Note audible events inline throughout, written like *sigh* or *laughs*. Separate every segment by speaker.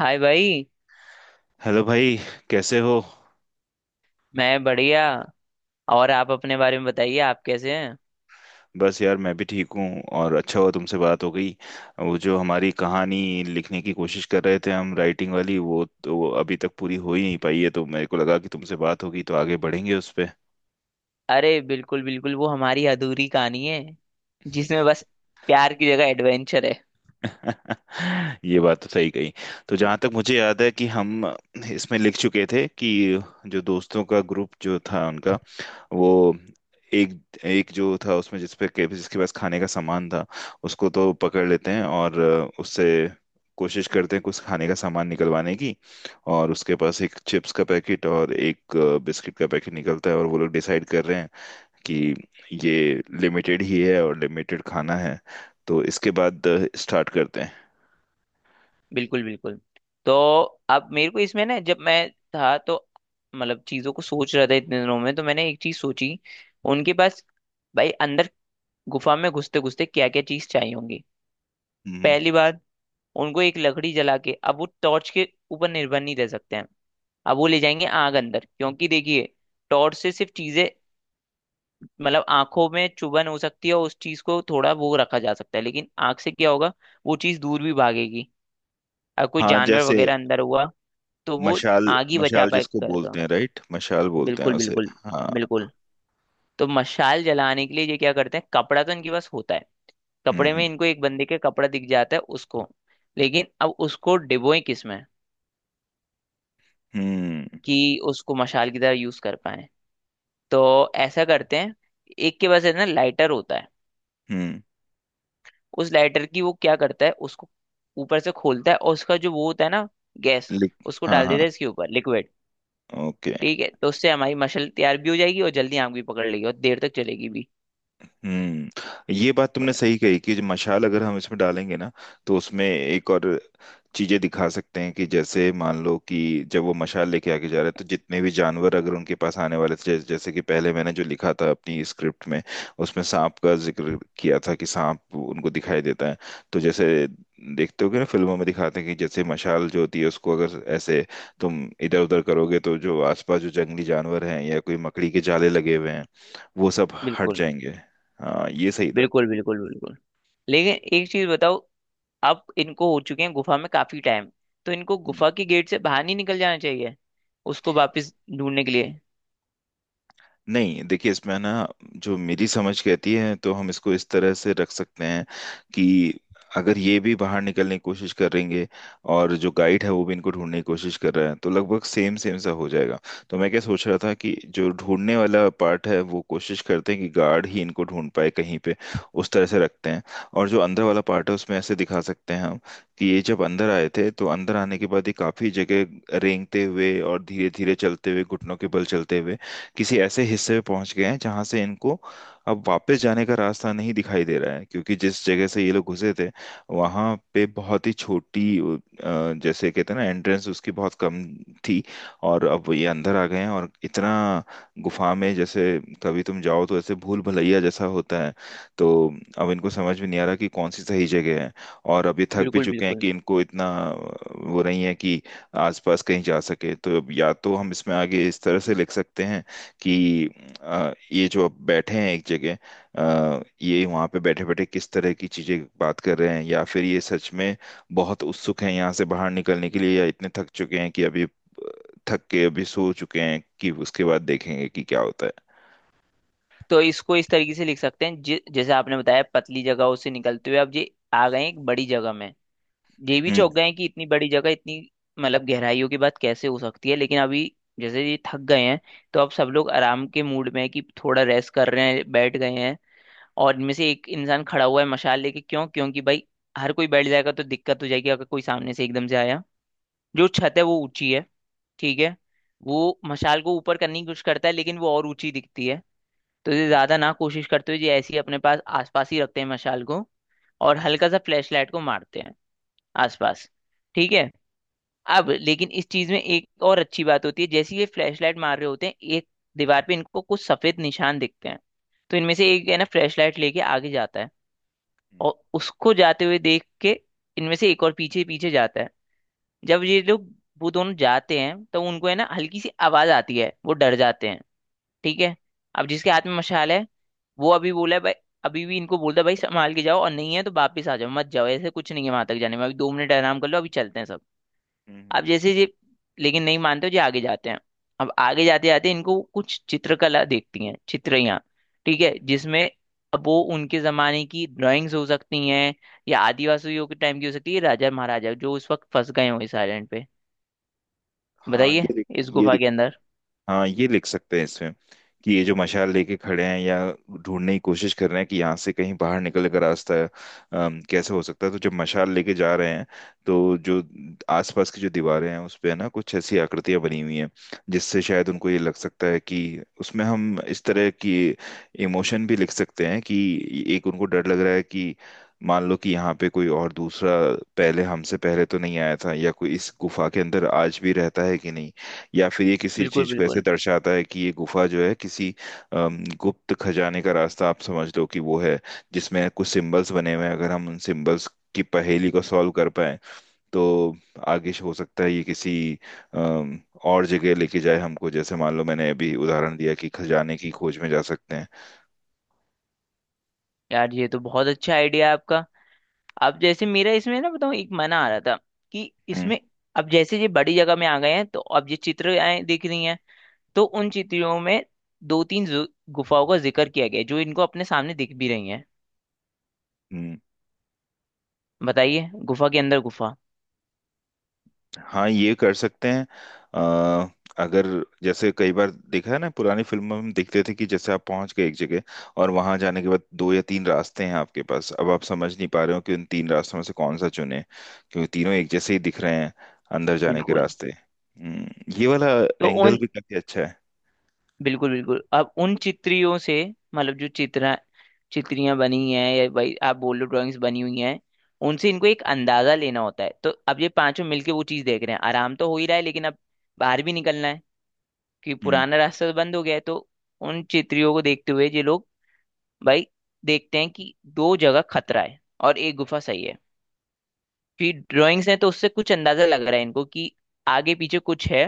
Speaker 1: हाय भाई।
Speaker 2: हेलो भाई। कैसे हो।
Speaker 1: मैं बढ़िया। और आप अपने बारे में बताइए, आप कैसे हैं।
Speaker 2: बस यार, मैं भी ठीक हूँ और अच्छा हुआ तुमसे बात हो गई। वो जो हमारी कहानी लिखने की कोशिश कर रहे थे हम, राइटिंग वाली, वो तो अभी तक पूरी हो ही नहीं पाई है तो मेरे को लगा कि तुमसे बात होगी तो आगे बढ़ेंगे उस पे।
Speaker 1: अरे बिल्कुल बिल्कुल, वो हमारी अधूरी कहानी है जिसमें बस प्यार की जगह एडवेंचर है।
Speaker 2: *laughs* ये बात तो सही कही। तो जहां तक मुझे याद है कि हम इसमें लिख चुके थे कि जो दोस्तों का ग्रुप जो था उनका, वो एक, एक जो था उसमें जिसके पास खाने का सामान था उसको तो पकड़ लेते हैं और उससे कोशिश करते हैं कुछ खाने का सामान निकलवाने की। और उसके पास एक चिप्स का पैकेट और एक बिस्किट का पैकेट निकलता है और वो लोग डिसाइड कर रहे हैं कि ये लिमिटेड ही है और लिमिटेड खाना है। तो इसके बाद स्टार्ट करते हैं।
Speaker 1: बिल्कुल बिल्कुल। तो अब मेरे को इसमें ना, जब मैं था तो मतलब चीजों को सोच रहा था, इतने दिनों में तो मैंने एक चीज सोची। उनके पास, भाई, अंदर गुफा में घुसते घुसते क्या क्या चीज चाहिए होंगी।
Speaker 2: हम्म।
Speaker 1: पहली बात, उनको एक लकड़ी जला के अब वो टॉर्च के ऊपर निर्भर नहीं रह सकते हैं। अब वो ले जाएंगे आग अंदर, क्योंकि देखिए टॉर्च से सिर्फ चीजें मतलब आंखों में चुभन हो सकती है और उस चीज को थोड़ा वो रखा जा सकता है, लेकिन आग से क्या होगा, वो चीज दूर भी भागेगी अगर कोई
Speaker 2: हाँ,
Speaker 1: जानवर
Speaker 2: जैसे
Speaker 1: वगैरह अंदर हुआ तो वो
Speaker 2: मशाल।
Speaker 1: आग ही बचा
Speaker 2: मशाल जिसको
Speaker 1: पाएगा।
Speaker 2: बोलते हैं, राइट, मशाल बोलते हैं
Speaker 1: बिल्कुल
Speaker 2: उसे।
Speaker 1: बिल्कुल
Speaker 2: हाँ।
Speaker 1: बिल्कुल। तो मशाल जलाने के लिए ये क्या करते हैं, कपड़ा तो इनके पास होता है।
Speaker 2: हम्म।
Speaker 1: कपड़े
Speaker 2: हम्म।
Speaker 1: में इनको एक बंदे के कपड़ा दिख जाता है उसको। लेकिन अब उसको डिबोए किसमें
Speaker 2: हम्म।
Speaker 1: कि उसको मशाल की तरह यूज कर पाए। तो ऐसा करते हैं, एक के पास है ना लाइटर होता है।
Speaker 2: हम्म,
Speaker 1: उस लाइटर की वो क्या करता है, उसको ऊपर से खोलता है और उसका जो वो होता है ना, गैस,
Speaker 2: लिख।
Speaker 1: उसको
Speaker 2: हाँ,
Speaker 1: डाल
Speaker 2: हाँ।
Speaker 1: देता है इसके ऊपर, लिक्विड।
Speaker 2: ओके।
Speaker 1: ठीक है, तो उससे हमारी मशल तैयार भी हो जाएगी और जल्दी आग भी पकड़ लेगी और देर तक चलेगी भी।
Speaker 2: हम्म, ये बात तुमने
Speaker 1: बड़े।
Speaker 2: सही कही कि जो मशाल अगर हम इसमें डालेंगे ना, तो उसमें एक और चीजें दिखा सकते हैं कि जैसे मान लो कि जब वो मशाल लेके आगे जा रहा है तो जितने भी जानवर अगर उनके पास आने वाले थे, जैसे जैसे कि पहले मैंने जो लिखा था अपनी स्क्रिप्ट में उसमें सांप का जिक्र किया था कि सांप उनको दिखाई देता है। तो जैसे देखते हो कि ना, फिल्मों में दिखाते हैं कि जैसे मशाल जो होती है उसको अगर ऐसे तुम इधर उधर करोगे तो जो आसपास जो जंगली जानवर हैं या कोई मकड़ी के जाले लगे हुए हैं वो सब हट
Speaker 1: बिल्कुल
Speaker 2: जाएंगे। हाँ, ये सही था।
Speaker 1: बिल्कुल बिल्कुल बिल्कुल। लेकिन एक चीज बताओ, अब इनको हो चुके हैं गुफा में काफी टाइम, तो इनको गुफा के गेट से बाहर नहीं निकल जाना चाहिए उसको वापस ढूंढने के लिए।
Speaker 2: नहीं, देखिए इसमें ना, जो मेरी समझ कहती है तो हम इसको इस तरह से रख सकते हैं कि अगर ये भी बाहर निकलने की कोशिश करेंगे और जो गाइड है वो भी इनको ढूंढने की कोशिश कर रहा है तो लगभग सेम सेम सा हो जाएगा। तो मैं क्या सोच रहा था कि जो ढूंढने वाला पार्ट है वो कोशिश करते हैं कि गार्ड ही इनको ढूंढ पाए कहीं पे, उस तरह से रखते हैं। और जो अंदर वाला पार्ट है उसमें ऐसे दिखा सकते हैं हम, कि ये जब अंदर आए थे तो अंदर आने के बाद ये काफी जगह रेंगते हुए और धीरे धीरे चलते हुए, घुटनों के बल चलते हुए किसी ऐसे हिस्से में पहुंच गए हैं जहां से इनको अब वापस जाने का रास्ता नहीं दिखाई दे रहा है, क्योंकि जिस जगह से ये लोग घुसे थे वहां पे बहुत ही छोटी, जैसे कहते हैं ना, एंट्रेंस, उसकी बहुत कम थी। और अब ये अंदर आ गए हैं और इतना गुफा में, जैसे कभी तुम जाओ तो ऐसे भूल भुलैया जैसा होता है, तो अब इनको समझ में नहीं आ रहा कि कौन सी सही जगह है। और अब ये थक भी
Speaker 1: बिल्कुल
Speaker 2: चुके हैं
Speaker 1: बिल्कुल।
Speaker 2: कि इनको इतना वो नहीं है कि आसपास कहीं जा सके। तो अब या तो हम इसमें आगे इस तरह से लिख सकते हैं कि ये जो अब बैठे हैं एक जगह, ये वहाँ पे बैठे बैठे किस तरह की चीजें बात कर रहे हैं, या फिर ये सच में बहुत उत्सुक हैं यहाँ से बाहर निकलने के लिए, या इतने थक चुके हैं कि अभी थक के अभी सो चुके हैं कि उसके बाद देखेंगे कि क्या होता है।
Speaker 1: तो इसको इस तरीके से लिख सकते हैं, जैसे आपने बताया, पतली जगहों से निकलते हुए अब ये आ गए हैं एक बड़ी जगह में। ये भी
Speaker 2: हम्म।
Speaker 1: चौंक गए हैं कि इतनी बड़ी जगह, इतनी मतलब गहराइयों की बात कैसे हो सकती है, लेकिन अभी जैसे ये थक गए हैं तो अब सब लोग आराम के मूड में है कि थोड़ा रेस्ट कर रहे हैं, बैठ गए हैं और इनमें से एक इंसान खड़ा हुआ है मशाल लेके, क्यों? क्योंकि भाई हर कोई बैठ जाएगा तो दिक्कत हो जाएगी अगर कोई सामने से एकदम से आया। जो छत है वो ऊंची है, ठीक है। वो मशाल को ऊपर करने की कोशिश करता है लेकिन वो और ऊंची दिखती है, तो ये
Speaker 2: हम्म।
Speaker 1: ज्यादा ना कोशिश करते हुए ये ऐसे ही अपने पास आसपास ही रखते हैं मशाल को और हल्का सा फ्लैशलाइट को मारते हैं आसपास। ठीक है। अब लेकिन इस चीज में एक और अच्छी बात होती है, जैसे ही ये फ्लैशलाइट मार रहे होते हैं एक दीवार पे इनको कुछ सफेद निशान दिखते हैं। तो इनमें से एक है ना, फ्लैशलाइट लेके आगे जाता है,
Speaker 2: हम्म।
Speaker 1: और उसको जाते हुए देख के इनमें से एक और पीछे पीछे जाता है। जब ये लोग, वो दोनों जाते हैं, तो उनको है ना हल्की सी आवाज आती है, वो डर जाते हैं, ठीक है। अब जिसके हाथ में मशाल है वो अभी बोला है भाई, अभी भी इनको बोलता है, भाई संभाल के जाओ और नहीं है तो वापिस आ जाओ, मत जाओ, ऐसे कुछ नहीं है, वहां तक जाने में अभी 2 मिनट आराम कर लो अभी चलते हैं सब।
Speaker 2: हम्म।
Speaker 1: अब
Speaker 2: हम्म।
Speaker 1: जैसे ये, लेकिन नहीं मानते जी, आगे जाते हैं। अब आगे जाते जाते इनको कुछ चित्रकला देखती हैं, चित्रियां, ठीक है,
Speaker 2: हम्म।
Speaker 1: जिसमें अब वो उनके जमाने की ड्राइंग्स हो सकती हैं या आदिवासियों के टाइम की हो सकती है, राजा महाराजा जो उस वक्त फंस गए हो इस आइलैंड पे।
Speaker 2: हाँ,
Speaker 1: बताइए,
Speaker 2: ये दिख-
Speaker 1: इस
Speaker 2: ये
Speaker 1: गुफा के अंदर।
Speaker 2: हाँ ये लिख सकते हैं इसमें कि ये जो मशाल लेके खड़े हैं या ढूंढने की कोशिश कर रहे हैं कि यहाँ से कहीं बाहर निकलने का रास्ता कैसे हो सकता है, तो जब मशाल लेके जा रहे हैं तो जो आसपास की जो दीवारें हैं उस पे ना कुछ ऐसी आकृतियां बनी हुई हैं जिससे शायद उनको ये लग सकता है कि, उसमें हम इस तरह की इमोशन भी लिख सकते हैं कि एक उनको डर लग रहा है कि मान लो कि यहाँ पे कोई और दूसरा, पहले हमसे पहले तो नहीं आया था, या कोई इस गुफा के अंदर आज भी रहता है कि नहीं, या फिर ये किसी
Speaker 1: बिल्कुल
Speaker 2: चीज को ऐसे
Speaker 1: बिल्कुल।
Speaker 2: दर्शाता है कि ये गुफा जो है किसी गुप्त खजाने का रास्ता, आप समझ लो कि वो है, जिसमें कुछ सिंबल्स बने हुए हैं। अगर हम उन सिंबल्स की पहेली को सॉल्व कर पाए तो आगे हो सकता है ये किसी अम, और जगह लेके जाए हमको, जैसे मान लो मैंने अभी उदाहरण दिया कि खजाने की खोज में जा सकते हैं।
Speaker 1: यार ये तो बहुत अच्छा आइडिया है आपका। अब जैसे मेरा इसमें ना, बताऊँ, एक मना आ रहा था कि इसमें अब जैसे ये बड़ी जगह में आ गए हैं तो अब ये चित्र आए दिख रही हैं, तो उन चित्रों में दो तीन गुफाओं का जिक्र किया गया है, जो इनको अपने सामने दिख भी रही हैं।
Speaker 2: हम्म।
Speaker 1: बताइए, गुफा के अंदर गुफा।
Speaker 2: हाँ, ये कर सकते हैं। अ, अगर जैसे कई बार देखा है ना, पुरानी फिल्मों में हम देखते थे कि जैसे आप पहुंच गए एक जगह और वहां जाने के बाद दो या तीन रास्ते हैं आपके पास, अब आप समझ नहीं पा रहे हो कि उन तीन रास्तों में से कौन सा चुने, क्योंकि तीनों एक जैसे ही दिख रहे हैं, अंदर जाने के
Speaker 1: बिल्कुल।
Speaker 2: रास्ते। ये वाला
Speaker 1: तो
Speaker 2: एंगल
Speaker 1: उन,
Speaker 2: भी काफी अच्छा है।
Speaker 1: बिल्कुल बिल्कुल, अब उन चित्रियों से मतलब जो चित्र, चित्रियां बनी हैं, या भाई आप बोल लो ड्राइंग्स बनी हुई हैं, उनसे इनको एक अंदाजा लेना होता है। तो अब ये पांचों मिलके वो चीज देख रहे हैं, आराम तो हो ही रहा है लेकिन अब बाहर भी निकलना है कि
Speaker 2: हम्म।
Speaker 1: पुराना रास्ता तो बंद हो गया है। तो उन चित्रियों को देखते हुए ये लोग, भाई, देखते हैं कि दो जगह खतरा है और एक गुफा सही है। कि ड्राइंग्स हैं तो उससे कुछ अंदाजा लग रहा है इनको कि आगे पीछे कुछ है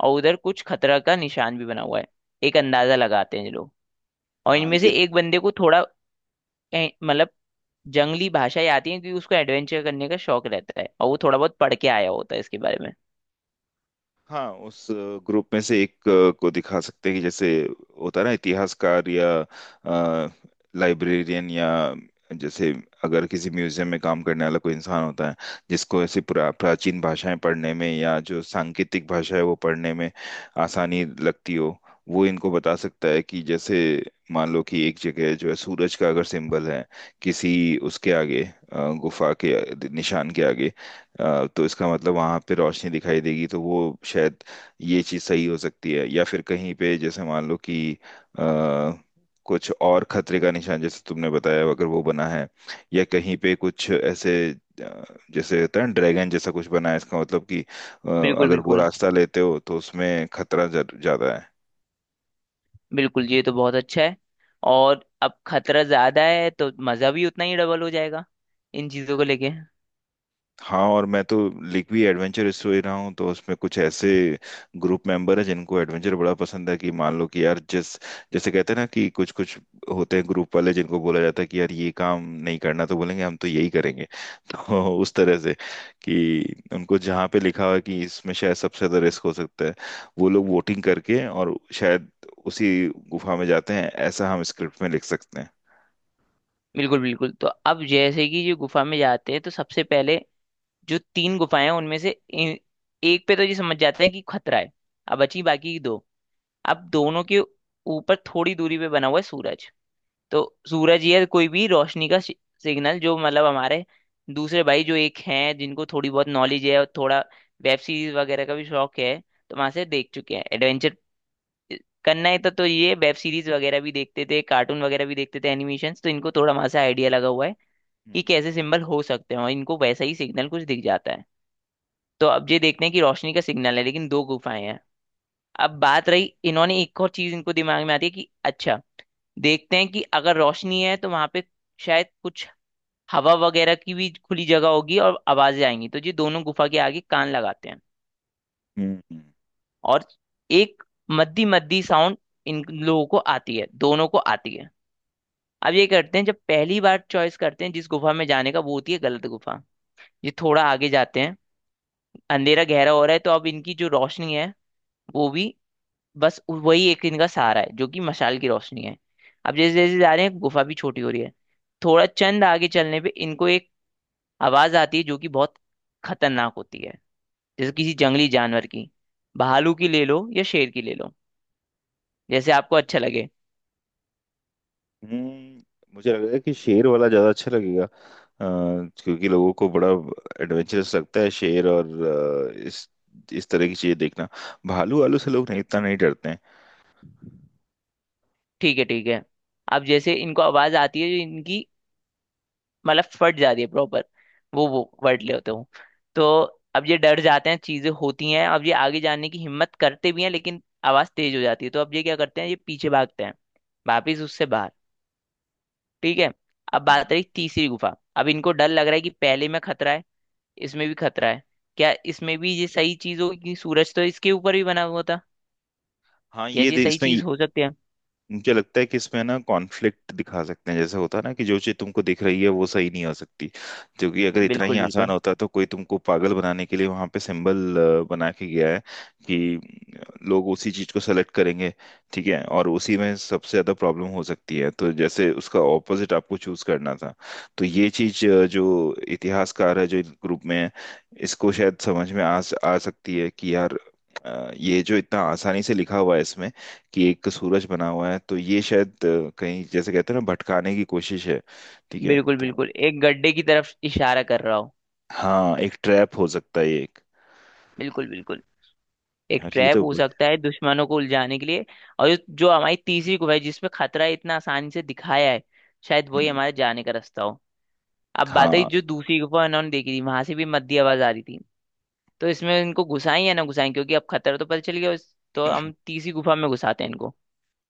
Speaker 1: और उधर कुछ खतरा का निशान भी बना हुआ है, एक अंदाजा लगाते हैं ये लोग। और
Speaker 2: हाँ,
Speaker 1: इनमें
Speaker 2: ये।
Speaker 1: से एक बंदे को थोड़ा मतलब जंगली भाषाएं आती हैं क्योंकि उसको एडवेंचर करने का शौक रहता है और वो थोड़ा बहुत पढ़ के आया होता है इसके बारे में।
Speaker 2: हाँ, उस ग्रुप में से एक को दिखा सकते हैं कि जैसे होता है ना, इतिहासकार या लाइब्रेरियन, या जैसे अगर किसी म्यूजियम में काम करने वाला कोई इंसान होता है जिसको ऐसी पुरा प्राचीन भाषाएं पढ़ने में या जो सांकेतिक भाषा है वो पढ़ने में आसानी लगती हो, वो इनको बता सकता है कि जैसे मान लो कि एक जगह जो है सूरज का अगर सिंबल है किसी, उसके आगे गुफा के निशान के आगे, तो इसका मतलब वहां पे रोशनी दिखाई देगी, तो वो शायद, ये चीज सही हो सकती है। या फिर कहीं पे जैसे मान लो कि अ, कुछ और खतरे का निशान जैसे तुमने बताया अगर वो बना है, या कहीं पे कुछ ऐसे अ, जैसे होता है ना ड्रैगन जैसा कुछ बना है, इसका मतलब कि
Speaker 1: बिल्कुल
Speaker 2: अगर वो
Speaker 1: बिल्कुल
Speaker 2: रास्ता लेते हो तो उसमें खतरा ज्यादा है।
Speaker 1: बिल्कुल। ये तो बहुत अच्छा है, और अब खतरा ज्यादा है तो मजा भी उतना ही डबल हो जाएगा इन चीजों को लेके।
Speaker 2: हाँ, और मैं तो लिख भी एडवेंचर स्टोरी रहा हूँ, तो उसमें कुछ ऐसे ग्रुप मेंबर है जिनको एडवेंचर बड़ा पसंद है कि मान लो कि यार जिस, जैसे कहते हैं ना कि कुछ कुछ होते हैं ग्रुप वाले जिनको बोला जाता है कि यार ये काम नहीं करना तो बोलेंगे हम तो यही करेंगे *laughs* तो उस तरह से कि उनको जहाँ पे लिखा हुआ है कि इसमें शायद सबसे ज्यादा रिस्क हो सकता है, वो लोग वोटिंग करके और शायद उसी गुफा में जाते हैं, ऐसा हम स्क्रिप्ट में लिख सकते हैं।
Speaker 1: बिल्कुल बिल्कुल। तो अब जैसे कि जो गुफा में जाते हैं तो सबसे पहले जो तीन गुफाएं हैं उनमें से एक पे तो ये समझ जाते हैं कि खतरा है। अब बची बाकी की दो। अब दोनों के ऊपर थोड़ी दूरी पे बना हुआ है सूरज। तो सूरज या कोई भी रोशनी का सिग्नल, जो मतलब हमारे दूसरे भाई जो एक हैं जिनको थोड़ी बहुत नॉलेज है और थोड़ा वेब सीरीज वगैरह का भी शौक है, तो वहां से देख चुके हैं, एडवेंचर करना है तो ये वेब सीरीज वगैरह भी देखते थे, कार्टून वगैरह भी देखते थे, एनिमेशन, तो इनको थोड़ा वहां से आइडिया लगा हुआ है कि
Speaker 2: हम्म।
Speaker 1: कैसे सिंबल हो सकते हैं और इनको वैसा ही सिग्नल कुछ दिख जाता है। तो अब ये देखते हैं कि रोशनी का सिग्नल है लेकिन दो गुफाएं हैं। अब बात रही, इन्होंने एक और चीज इनको दिमाग में आती है कि अच्छा देखते हैं कि अगर रोशनी है तो वहां पे शायद कुछ हवा वगैरह की भी खुली जगह होगी और आवाजें आएंगी, तो ये दोनों गुफा के आगे कान लगाते हैं।
Speaker 2: हम्म। हम्म। हम्म।
Speaker 1: और एक मद्दी मद्दी साउंड इन लोगों को आती है, दोनों को आती है। अब ये करते हैं, जब पहली बार चॉइस करते हैं जिस गुफा में जाने का, वो होती है गलत गुफा। ये थोड़ा आगे जाते हैं, अंधेरा गहरा हो रहा है तो अब इनकी जो रोशनी है वो भी, बस वही एक इनका सहारा है जो कि मशाल की रोशनी है। अब जैसे जैसे जा रहे हैं गुफा भी छोटी हो रही है, थोड़ा चंद आगे चलने पे इनको एक आवाज आती है जो कि बहुत खतरनाक होती है, जैसे किसी जंगली जानवर की, भालू की ले लो या शेर की ले लो, जैसे आपको अच्छा लगे।
Speaker 2: हम्म, मुझे लग रहा है कि शेर वाला ज्यादा अच्छा लगेगा, क्योंकि लोगों को बड़ा एडवेंचरस लगता है शेर, और अ, इस इस तरह की चीजें देखना। भालू वालू से लोग नहीं, इतना नहीं डरते हैं।
Speaker 1: ठीक है ठीक है। अब जैसे इनको आवाज आती है जो इनकी मतलब फट जाती है प्रॉपर, वो वर्ड लेते हो। तो अब ये डर जाते हैं, चीजें होती हैं, अब ये आगे जाने की हिम्मत करते भी हैं लेकिन आवाज तेज हो जाती है तो अब ये क्या करते हैं, ये पीछे भागते हैं वापिस उससे बाहर। ठीक है। अब बात
Speaker 2: हम्म।
Speaker 1: रही तीसरी गुफा, अब इनको डर लग रहा है कि पहले में खतरा है, इसमें भी खतरा है, क्या इसमें भी ये सही चीज होगी कि सूरज तो इसके ऊपर भी बना हुआ था।
Speaker 2: हाँ,
Speaker 1: क्या जी सही
Speaker 2: इसमें
Speaker 1: चीज हो सकती है।
Speaker 2: मुझे लगता है कि इसमें ना कॉन्फ्लिक्ट दिखा सकते हैं, जैसे होता है ना कि जो चीज तुमको दिख रही है वो सही नहीं हो सकती, जो कि अगर इतना ही
Speaker 1: बिल्कुल
Speaker 2: आसान
Speaker 1: बिल्कुल।
Speaker 2: होता तो कोई तुमको पागल बनाने के लिए वहां पे सिंबल बना के गया है, कि लोग उसी चीज को सेलेक्ट करेंगे, ठीक है, और उसी में सबसे ज्यादा प्रॉब्लम हो सकती है, तो जैसे उसका ऑपोजिट आपको चूज करना था। तो ये चीज जो इतिहासकार है जो ग्रुप में है, इसको शायद समझ में आ आ सकती है कि यार ये जो इतना आसानी से लिखा हुआ है इसमें कि एक सूरज बना हुआ है, तो ये शायद, कहीं, जैसे कहते हैं ना, भटकाने की कोशिश है, ठीक है
Speaker 1: बिल्कुल
Speaker 2: तो।
Speaker 1: बिल्कुल, एक गड्ढे की तरफ इशारा कर रहा हो।
Speaker 2: हाँ, एक ट्रैप हो सकता है ये, एक।
Speaker 1: बिल्कुल बिल्कुल। एक
Speaker 2: यार ये
Speaker 1: ट्रैप
Speaker 2: तो।
Speaker 1: हो सकता है दुश्मनों को उलझाने के लिए। और जो जो हमारी तीसरी गुफा है जिसमें खतरा इतना आसानी से दिखाया है, शायद वही
Speaker 2: हम्म।
Speaker 1: हमारे जाने का रास्ता हो। अब बात है
Speaker 2: हाँ,
Speaker 1: जो दूसरी गुफा इन्होंने देखी थी वहां से भी मद्दी आवाज आ रही थी, तो इसमें इनको घुसाएं या ना घुसाएं क्योंकि अब खतरा तो पता चल गया तो हम तीसरी गुफा में घुसाते हैं इनको।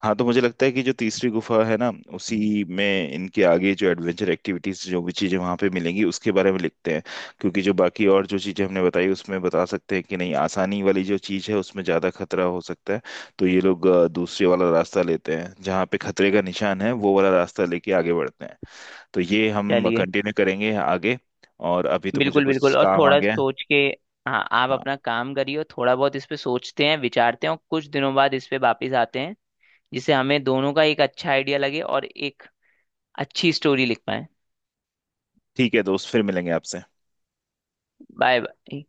Speaker 2: हाँ, तो मुझे लगता है कि जो तीसरी गुफा है ना, उसी में इनके आगे जो एडवेंचर एक्टिविटीज जो भी चीजें वहां पे मिलेंगी उसके बारे में लिखते हैं, क्योंकि जो बाकी और जो चीजें हमने बताई उसमें बता सकते हैं कि नहीं, आसानी वाली जो चीज है उसमें ज्यादा खतरा हो सकता है, तो ये लोग दूसरे वाला रास्ता लेते हैं जहाँ पे खतरे का निशान है, वो वाला रास्ता लेके आगे बढ़ते हैं। तो ये हम
Speaker 1: चलिए।
Speaker 2: कंटिन्यू करेंगे आगे, और अभी तो मुझे
Speaker 1: बिल्कुल बिल्कुल।
Speaker 2: कुछ
Speaker 1: और
Speaker 2: काम आ
Speaker 1: थोड़ा
Speaker 2: गया है।
Speaker 1: सोच के, हाँ, आप
Speaker 2: हाँ,
Speaker 1: अपना काम करिए और थोड़ा बहुत इस पे सोचते हैं विचारते हैं और कुछ दिनों बाद इस पे वापिस आते हैं, जिससे हमें दोनों का एक अच्छा आइडिया लगे और एक अच्छी स्टोरी लिख पाए।
Speaker 2: ठीक है दोस्त, फिर मिलेंगे आपसे।
Speaker 1: Bye bye.